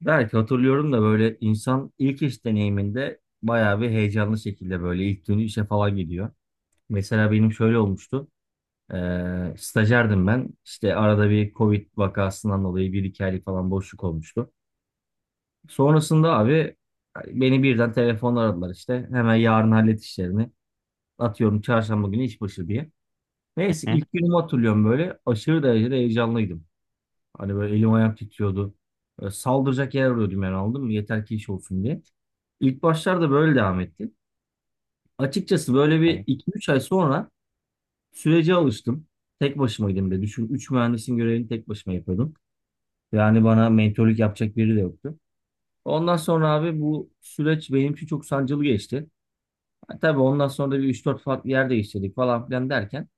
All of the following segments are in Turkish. Belki hatırlıyorum da böyle insan ilk iş deneyiminde bayağı bir heyecanlı şekilde böyle ilk günü işe falan gidiyor. Mesela benim şöyle olmuştu. Stajyerdim ben. İşte arada bir Covid vakasından dolayı bir iki aylık falan boşluk olmuştu. Sonrasında abi hani beni birden telefonla aradılar işte. Hemen yarın hallet işlerini. Atıyorum çarşamba günü iş başı diye. Neyse Hı? ilk günümü hatırlıyorum böyle. Aşırı derecede heyecanlıydım. Hani böyle elim ayağım titriyordu. Böyle saldıracak yer arıyordum yani aldım mı? Yeter ki iş olsun diye. İlk başlarda böyle devam etti. Açıkçası böyle bir Evet. iki üç ay sonra sürece alıştım. Tek başımaydım de. Düşün 3 mühendisin görevini tek başıma yapıyordum. Yani bana mentorluk yapacak biri de yoktu. Ondan sonra abi bu süreç benim için çok sancılı geçti. Ha, tabii ondan sonra da bir üç dört farklı yer değiştirdik falan filan derken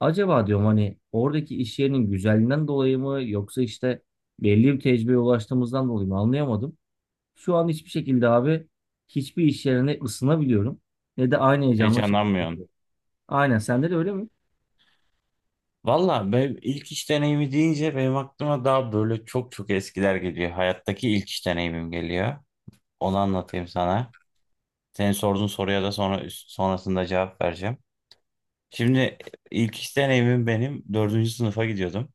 acaba diyorum hani oradaki iş yerinin güzelliğinden dolayı mı yoksa işte belli bir tecrübeye ulaştığımızdan dolayı mı anlayamadım. Şu an hiçbir şekilde abi hiçbir iş yerine ısınabiliyorum. Ne de aynı heyecanla Heyecanlanmıyorsun. çalışabiliyorum. Aynen sende de öyle mi? Valla ben ilk iş deneyimi deyince benim aklıma daha böyle çok çok eskiler geliyor. Hayattaki ilk iş deneyimim geliyor. Onu anlatayım sana. Senin sorduğun soruya da sonra sonrasında cevap vereceğim. Şimdi ilk iş deneyimim benim dördüncü sınıfa gidiyordum.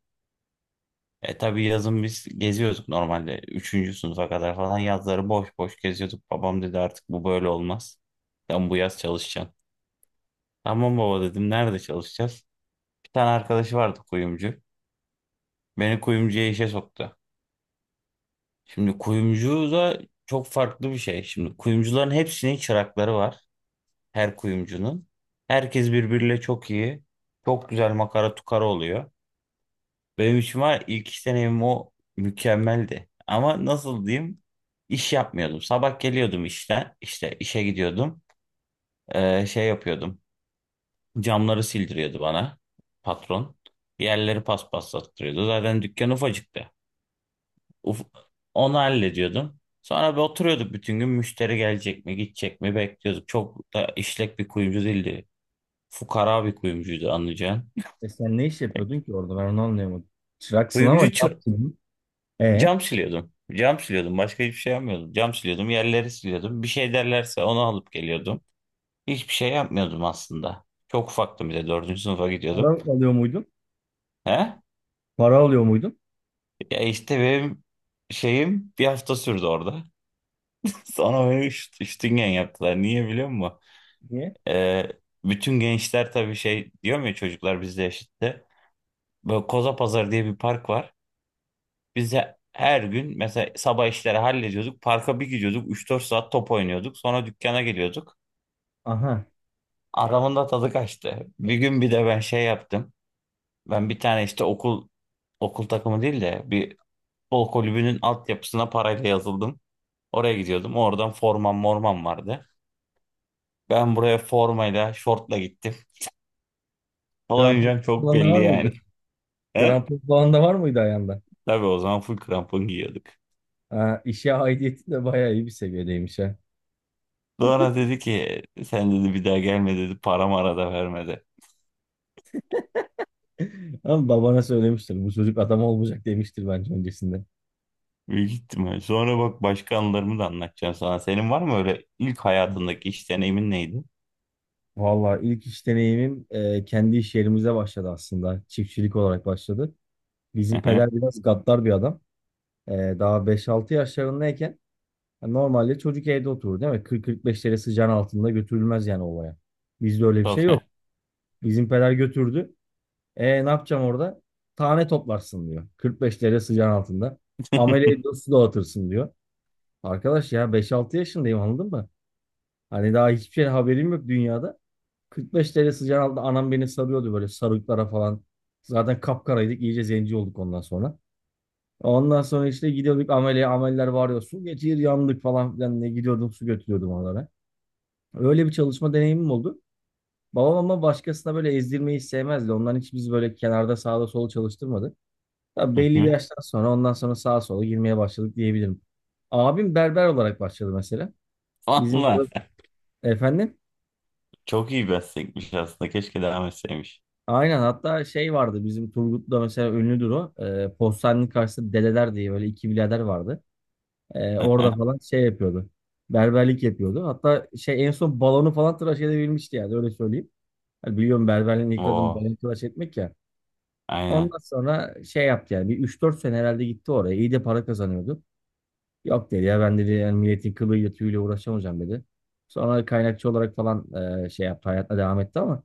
E tabii yazın biz geziyorduk normalde. Üçüncü sınıfa kadar falan yazları boş boş geziyorduk. Babam dedi artık bu böyle olmaz. Sen bu yaz çalışacaksın. Tamam baba dedim, nerede çalışacağız? Bir tane arkadaşı vardı kuyumcu. Beni kuyumcuya işe soktu. Şimdi kuyumcu da çok farklı bir şey. Şimdi kuyumcuların hepsinin çırakları var. Her kuyumcunun. Herkes birbiriyle çok iyi. Çok güzel makara tukara oluyor. Benim için var, ilk iş deneyimim o mükemmeldi. Ama nasıl diyeyim? İş yapmıyordum. Sabah geliyordum işten. İşte işe gidiyordum. Şey yapıyordum. Camları sildiriyordu bana patron. Yerleri paspaslattırıyordu. Zaten dükkan ufacıktı. Uf- Onu hallediyordum. Sonra bir oturuyorduk, bütün gün müşteri gelecek mi gidecek mi bekliyorduk. Çok da işlek bir kuyumcu değildi. Fukara bir kuyumcuydu anlayacağın. E sen ne iş yapıyordun ki orada ben onu anlayamadım. Çıraksın ama ne Kuyumcu çır- yaptın? E Cam siliyordum. Cam siliyordum. Başka hiçbir şey yapmıyordum. Cam siliyordum. Yerleri siliyordum. Bir şey derlerse onu alıp geliyordum. Hiçbir şey yapmıyordum aslında. Çok ufaktım bir de. Dördüncü sınıfa para gidiyordum. alıyor muydun? He? Para alıyor muydun? Ya işte benim şeyim bir hafta sürdü orada. Sonra beni üstüngen yaptılar. Niye biliyor musun? Niye? Ee, Bütün gençler tabii şey diyor mu ya, çocuklar bizle yaşıttı. Böyle Koza diye bir park var. Biz de her gün mesela sabah işleri hallediyorduk. Parka bir gidiyorduk. 3-4 saat top oynuyorduk. Sonra dükkana geliyorduk. Aha. Aramın da tadı kaçtı. Bir gün bir de ben şey yaptım. Ben bir tane işte okul takımı değil de bir futbol kulübünün altyapısına parayla yazıldım. Oraya gidiyordum. Oradan formam mormam vardı. Ben buraya formayla, şortla gittim. Grand Prix Olayınca çok falan da belli var yani. mıydı? Grand Prix falan da var mıydı ayağında? Tabii o zaman full krampon giyiyorduk. Ha, işe aidiyeti de bayağı iyi bir seviyedeymiş ha. Sonra dedi ki sen dedi bir daha gelme dedi, para mara da vermedi. Ama babana söylemiştir. Bu çocuk adam olmayacak demiştir bence öncesinde. Büyük ihtimal. Sonra bak başka anılarımı da anlatacağım sana. Senin var mı öyle ilk hayatındaki iş deneyimin neydi? Valla ilk iş deneyimim kendi iş yerimize başladı aslında. Çiftçilik olarak başladı. Hı Bizim hı. peder biraz gaddar bir adam. E, Daha beş altı yaşlarındayken yani normalde çocuk evde oturur değil mi? Kırk kırk beş derece sıcağın altında götürülmez yani olaya. Bizde öyle bir şey yok. Tabii. Bizim peder götürdü. E ne yapacağım orada? Tane toplarsın diyor. 45 derece sıcağın altında. Amele ediyor su dağıtırsın diyor. Arkadaş ya beş altı yaşındayım anladın mı? Hani daha hiçbir şey haberim yok dünyada. 45 derece sıcağın altında anam beni sarıyordu böyle sarıklara falan. Zaten kapkaraydık iyice zenci olduk ondan sonra. Ondan sonra işte gidiyorduk amele ameller varıyor. Su getir yandık falan filan ne gidiyordum su götürüyordum onlara. Öyle bir çalışma deneyimim oldu. Babam ama başkasına böyle ezdirmeyi sevmezdi. Ondan hiç biz böyle kenarda sağda sola çalıştırmadı. Tabii Hı belli bir hı. yaştan sonra ondan sonra sağa sola girmeye başladık diyebilirim. Abim berber olarak başladı mesela. Bizim Valla orada efendim. çok iyi meslekmiş aslında. Keşke devam etseymiş. Aynen hatta şey vardı bizim Turgut'ta mesela ünlüdür o. Postanenin karşısında dedeler diye böyle iki birader vardı. Hı Orada hı. falan şey yapıyordu. Berberlik yapıyordu. Hatta şey en son balonu falan tıraş edebilmişti yani öyle söyleyeyim. Hani biliyorum berberliğin ilk adımı Oo, balon tıraş etmek ya. aynen. Ondan sonra şey yaptı yani bir üç dört sene herhalde gitti oraya. İyi de para kazanıyordu. Yok dedi ya ben dedi yani milletin kılıyla tüyüyle uğraşamayacağım dedi. Sonra kaynakçı olarak falan şey yaptı hayatına devam etti ama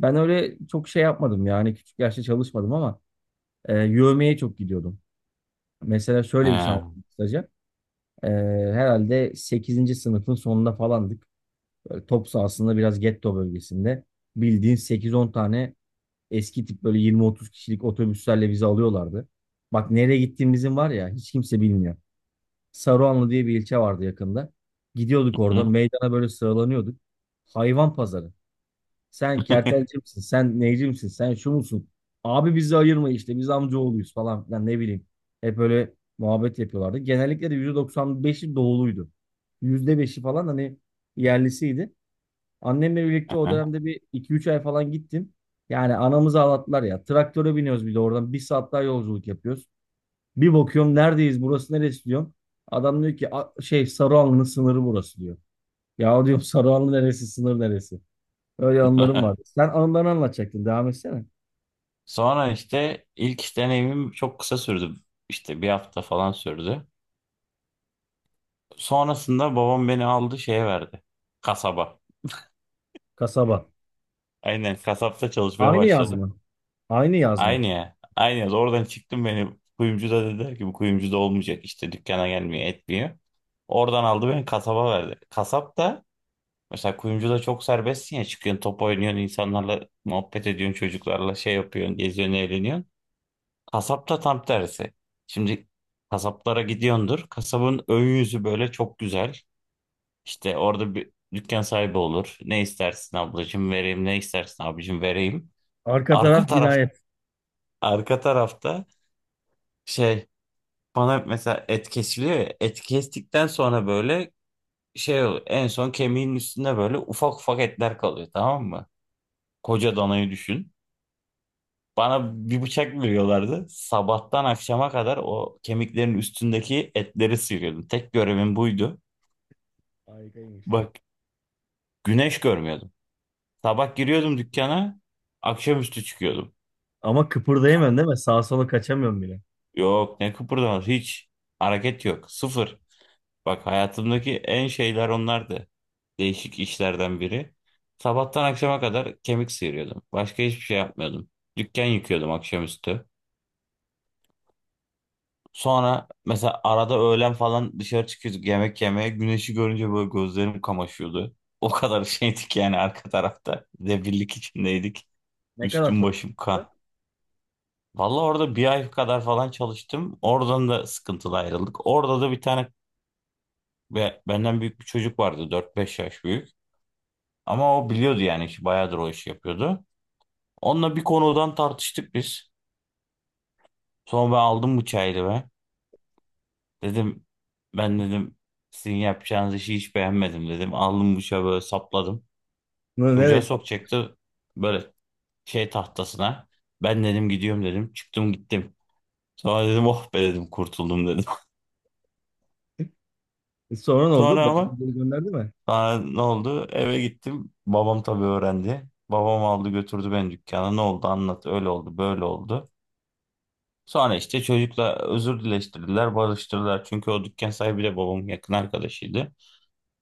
ben öyle çok şey yapmadım yani küçük yaşta çalışmadım ama yövmeye çok gidiyordum. Mesela şöyle bir şey He. anlatayım kısaca. E, Herhalde sekizinci sınıfın sonunda falandık. Böyle top sahasında biraz getto bölgesinde. Bildiğin sekiz on tane eski tip böyle yirmi otuz kişilik otobüslerle bizi alıyorlardı. Bak nereye gittiğimizin var ya hiç kimse bilmiyor. Saruhanlı diye bir ilçe vardı yakında. Gidiyorduk oradan Hı. meydana böyle sıralanıyorduk. Hayvan pazarı. Sen kertelci misin? Sen neyci misin? Sen şu musun? Abi bizi ayırma işte. Biz amcaoğluyuz falan filan ne bileyim. Hep öyle muhabbet yapıyorlardı. Genellikle de %95'i doğuluydu. %5'i falan hani yerlisiydi. Annemle Hı birlikte o hı. dönemde bir iki üç ay falan gittim. Yani anamızı ağlattılar ya. Traktöre biniyoruz bir de oradan. Bir saat daha yolculuk yapıyoruz. Bir bakıyorum neredeyiz? Burası neresi diyorum. Adam diyor ki "A- şey Sarıhanlı'nın sınırı burası diyor." Ya diyorum Sarıhanlı neresi sınır neresi? Öyle anılarım vardı. Sen anılarını anlatacaktın. Devam etsene. Sonra işte ilk iş deneyimim çok kısa sürdü. İşte bir hafta falan sürdü. Sonrasında babam beni aldı şeye verdi. Kasaba. Kasaba. Aynen kasapta çalışmaya Aynı başladım. yazma. Aynı yazma. Aynı ya. Aynı ya. Oradan çıktım, beni kuyumcu da dediler ki bu kuyumcu da olmayacak, işte dükkana gelmiyor etmiyor. Oradan aldı beni kasaba verdi. Kasap da mesela kuyumcuda çok serbestsin ya, çıkıyorsun top oynuyorsun, insanlarla muhabbet ediyorsun, çocuklarla şey yapıyorsun, geziyorsun eğleniyorsun. Kasapta tam tersi. Şimdi kasaplara gidiyordur. Kasabın ön yüzü böyle çok güzel. İşte orada bir dükkan sahibi olur. Ne istersin ablacığım vereyim, ne istersin abicim vereyim. Arka Arka taraf taraf cinayet. Arka tarafta şey, bana mesela et kesiliyor ya. Et kestikten sonra böyle şey oluyor. En son kemiğin üstünde böyle ufak ufak etler kalıyor, tamam mı? Koca danayı düşün. Bana bir bıçak veriyorlardı. Sabahtan akşama kadar o kemiklerin üstündeki etleri sıyırıyordum. Tek görevim buydu. Harikaymış. Bak, güneş görmüyordum. Sabah giriyordum dükkana, akşamüstü çıkıyordum. Ama kıpırdayamıyorsun değil mi? Sağa sola kaçamıyorum bile. Yok, ne kıpırdamaz hiç. Hareket yok. Sıfır. Bak hayatımdaki en şeyler onlardı. Değişik işlerden biri. Sabahtan akşama kadar kemik sıyırıyordum. Başka hiçbir şey yapmıyordum. Dükkan yıkıyordum akşamüstü. Sonra mesela arada öğlen falan dışarı çıkıyorduk yemek yemeye. Güneşi görünce böyle gözlerim kamaşıyordu. O kadar şeydik yani arka tarafta. Debillik içindeydik. Ne kadar Üstüm çok. başım kan. Vallahi orada bir ay kadar falan çalıştım. Oradan da sıkıntılı ayrıldık. Orada da bir tane ve benden büyük bir çocuk vardı, 4-5 yaş büyük. Ama o biliyordu yani işi, bayağıdır o işi yapıyordu. Onunla bir konudan tartıştık biz. Sonra ben aldım bıçağı elime. Dedim ben dedim sizin yapacağınız işi hiç beğenmedim dedim. Aldım bıçağı böyle sapladım. Bunu nereye Çocuğa sattın? sokacaktı böyle şey tahtasına. Ben dedim gidiyorum dedim. Çıktım gittim. Sonra dedim oh be dedim kurtuldum dedim. Sonra ne oldu? Sonra Bana ama geri gönderdi mi? Sonra ne oldu? Eve gittim. Babam tabii öğrendi. Babam aldı götürdü beni dükkana. Ne oldu anlat. Öyle oldu böyle oldu. Sonra işte çocukla özür dileştirdiler, barıştırdılar. Çünkü o dükkan sahibi de babamın yakın arkadaşıydı.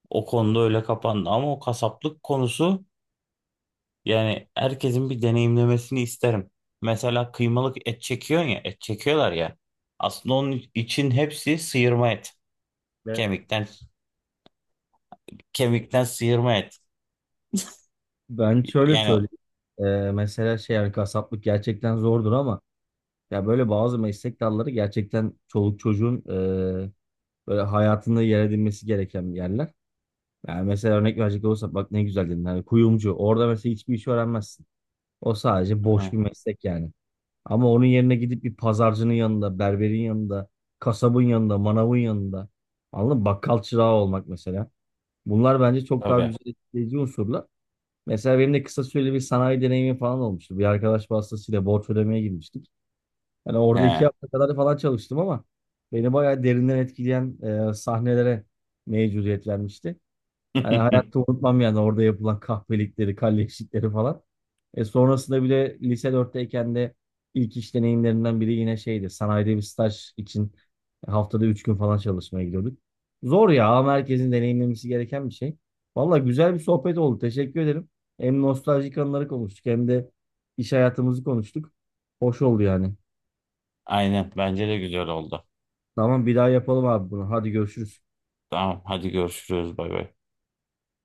O konuda öyle kapandı ama o kasaplık konusu yani herkesin bir deneyimlemesini isterim. Mesela kıymalık et çekiyorsun ya, et çekiyorlar ya. Aslında onun için hepsi sıyırma et. Evet. Kemikten kemikten sıyırma et. Ben şöyle Yani söyleyeyim. Mesela şey yani kasaplık gerçekten zordur ama ya böyle bazı meslek dalları gerçekten çoluk çocuğun böyle hayatında yer edinmesi gereken yerler. Yani mesela örnek verecek olursak bak ne güzel dedin. Hani kuyumcu. Orada mesela hiçbir iş öğrenmezsin. O sadece he, boş bir meslek yani. Ama onun yerine gidip bir pazarcının yanında, berberin yanında, kasabın yanında, manavın yanında. Anladın mı? Bakkal çırağı olmak mesela. Bunlar bence çok daha tabii. güzel etkileyici unsurlar. Mesela benim de kısa süreli bir sanayi deneyimi falan olmuştu. Bir arkadaş vasıtasıyla borç ödemeye girmiştik. Yani orada He. 2 hafta kadar falan çalıştım ama beni bayağı derinden etkileyen sahnelere mevcudiyet vermişti. Yani hayatta unutmam yani orada yapılan kahpelikleri, kalleşlikleri falan. E sonrasında bile lise 4'teyken de ilk iş deneyimlerimden biri yine şeydi. Sanayide bir staj için haftada 3 gün falan çalışmaya gidiyorduk. Zor ya ama herkesin deneyimlemesi gereken bir şey. Valla güzel bir sohbet oldu. Teşekkür ederim. Hem nostaljik anıları konuştuk hem de iş hayatımızı konuştuk. Hoş oldu yani. Aynen bence de güzel oldu. Tamam bir daha yapalım abi bunu. Hadi görüşürüz. Tamam hadi görüşürüz, bay bay.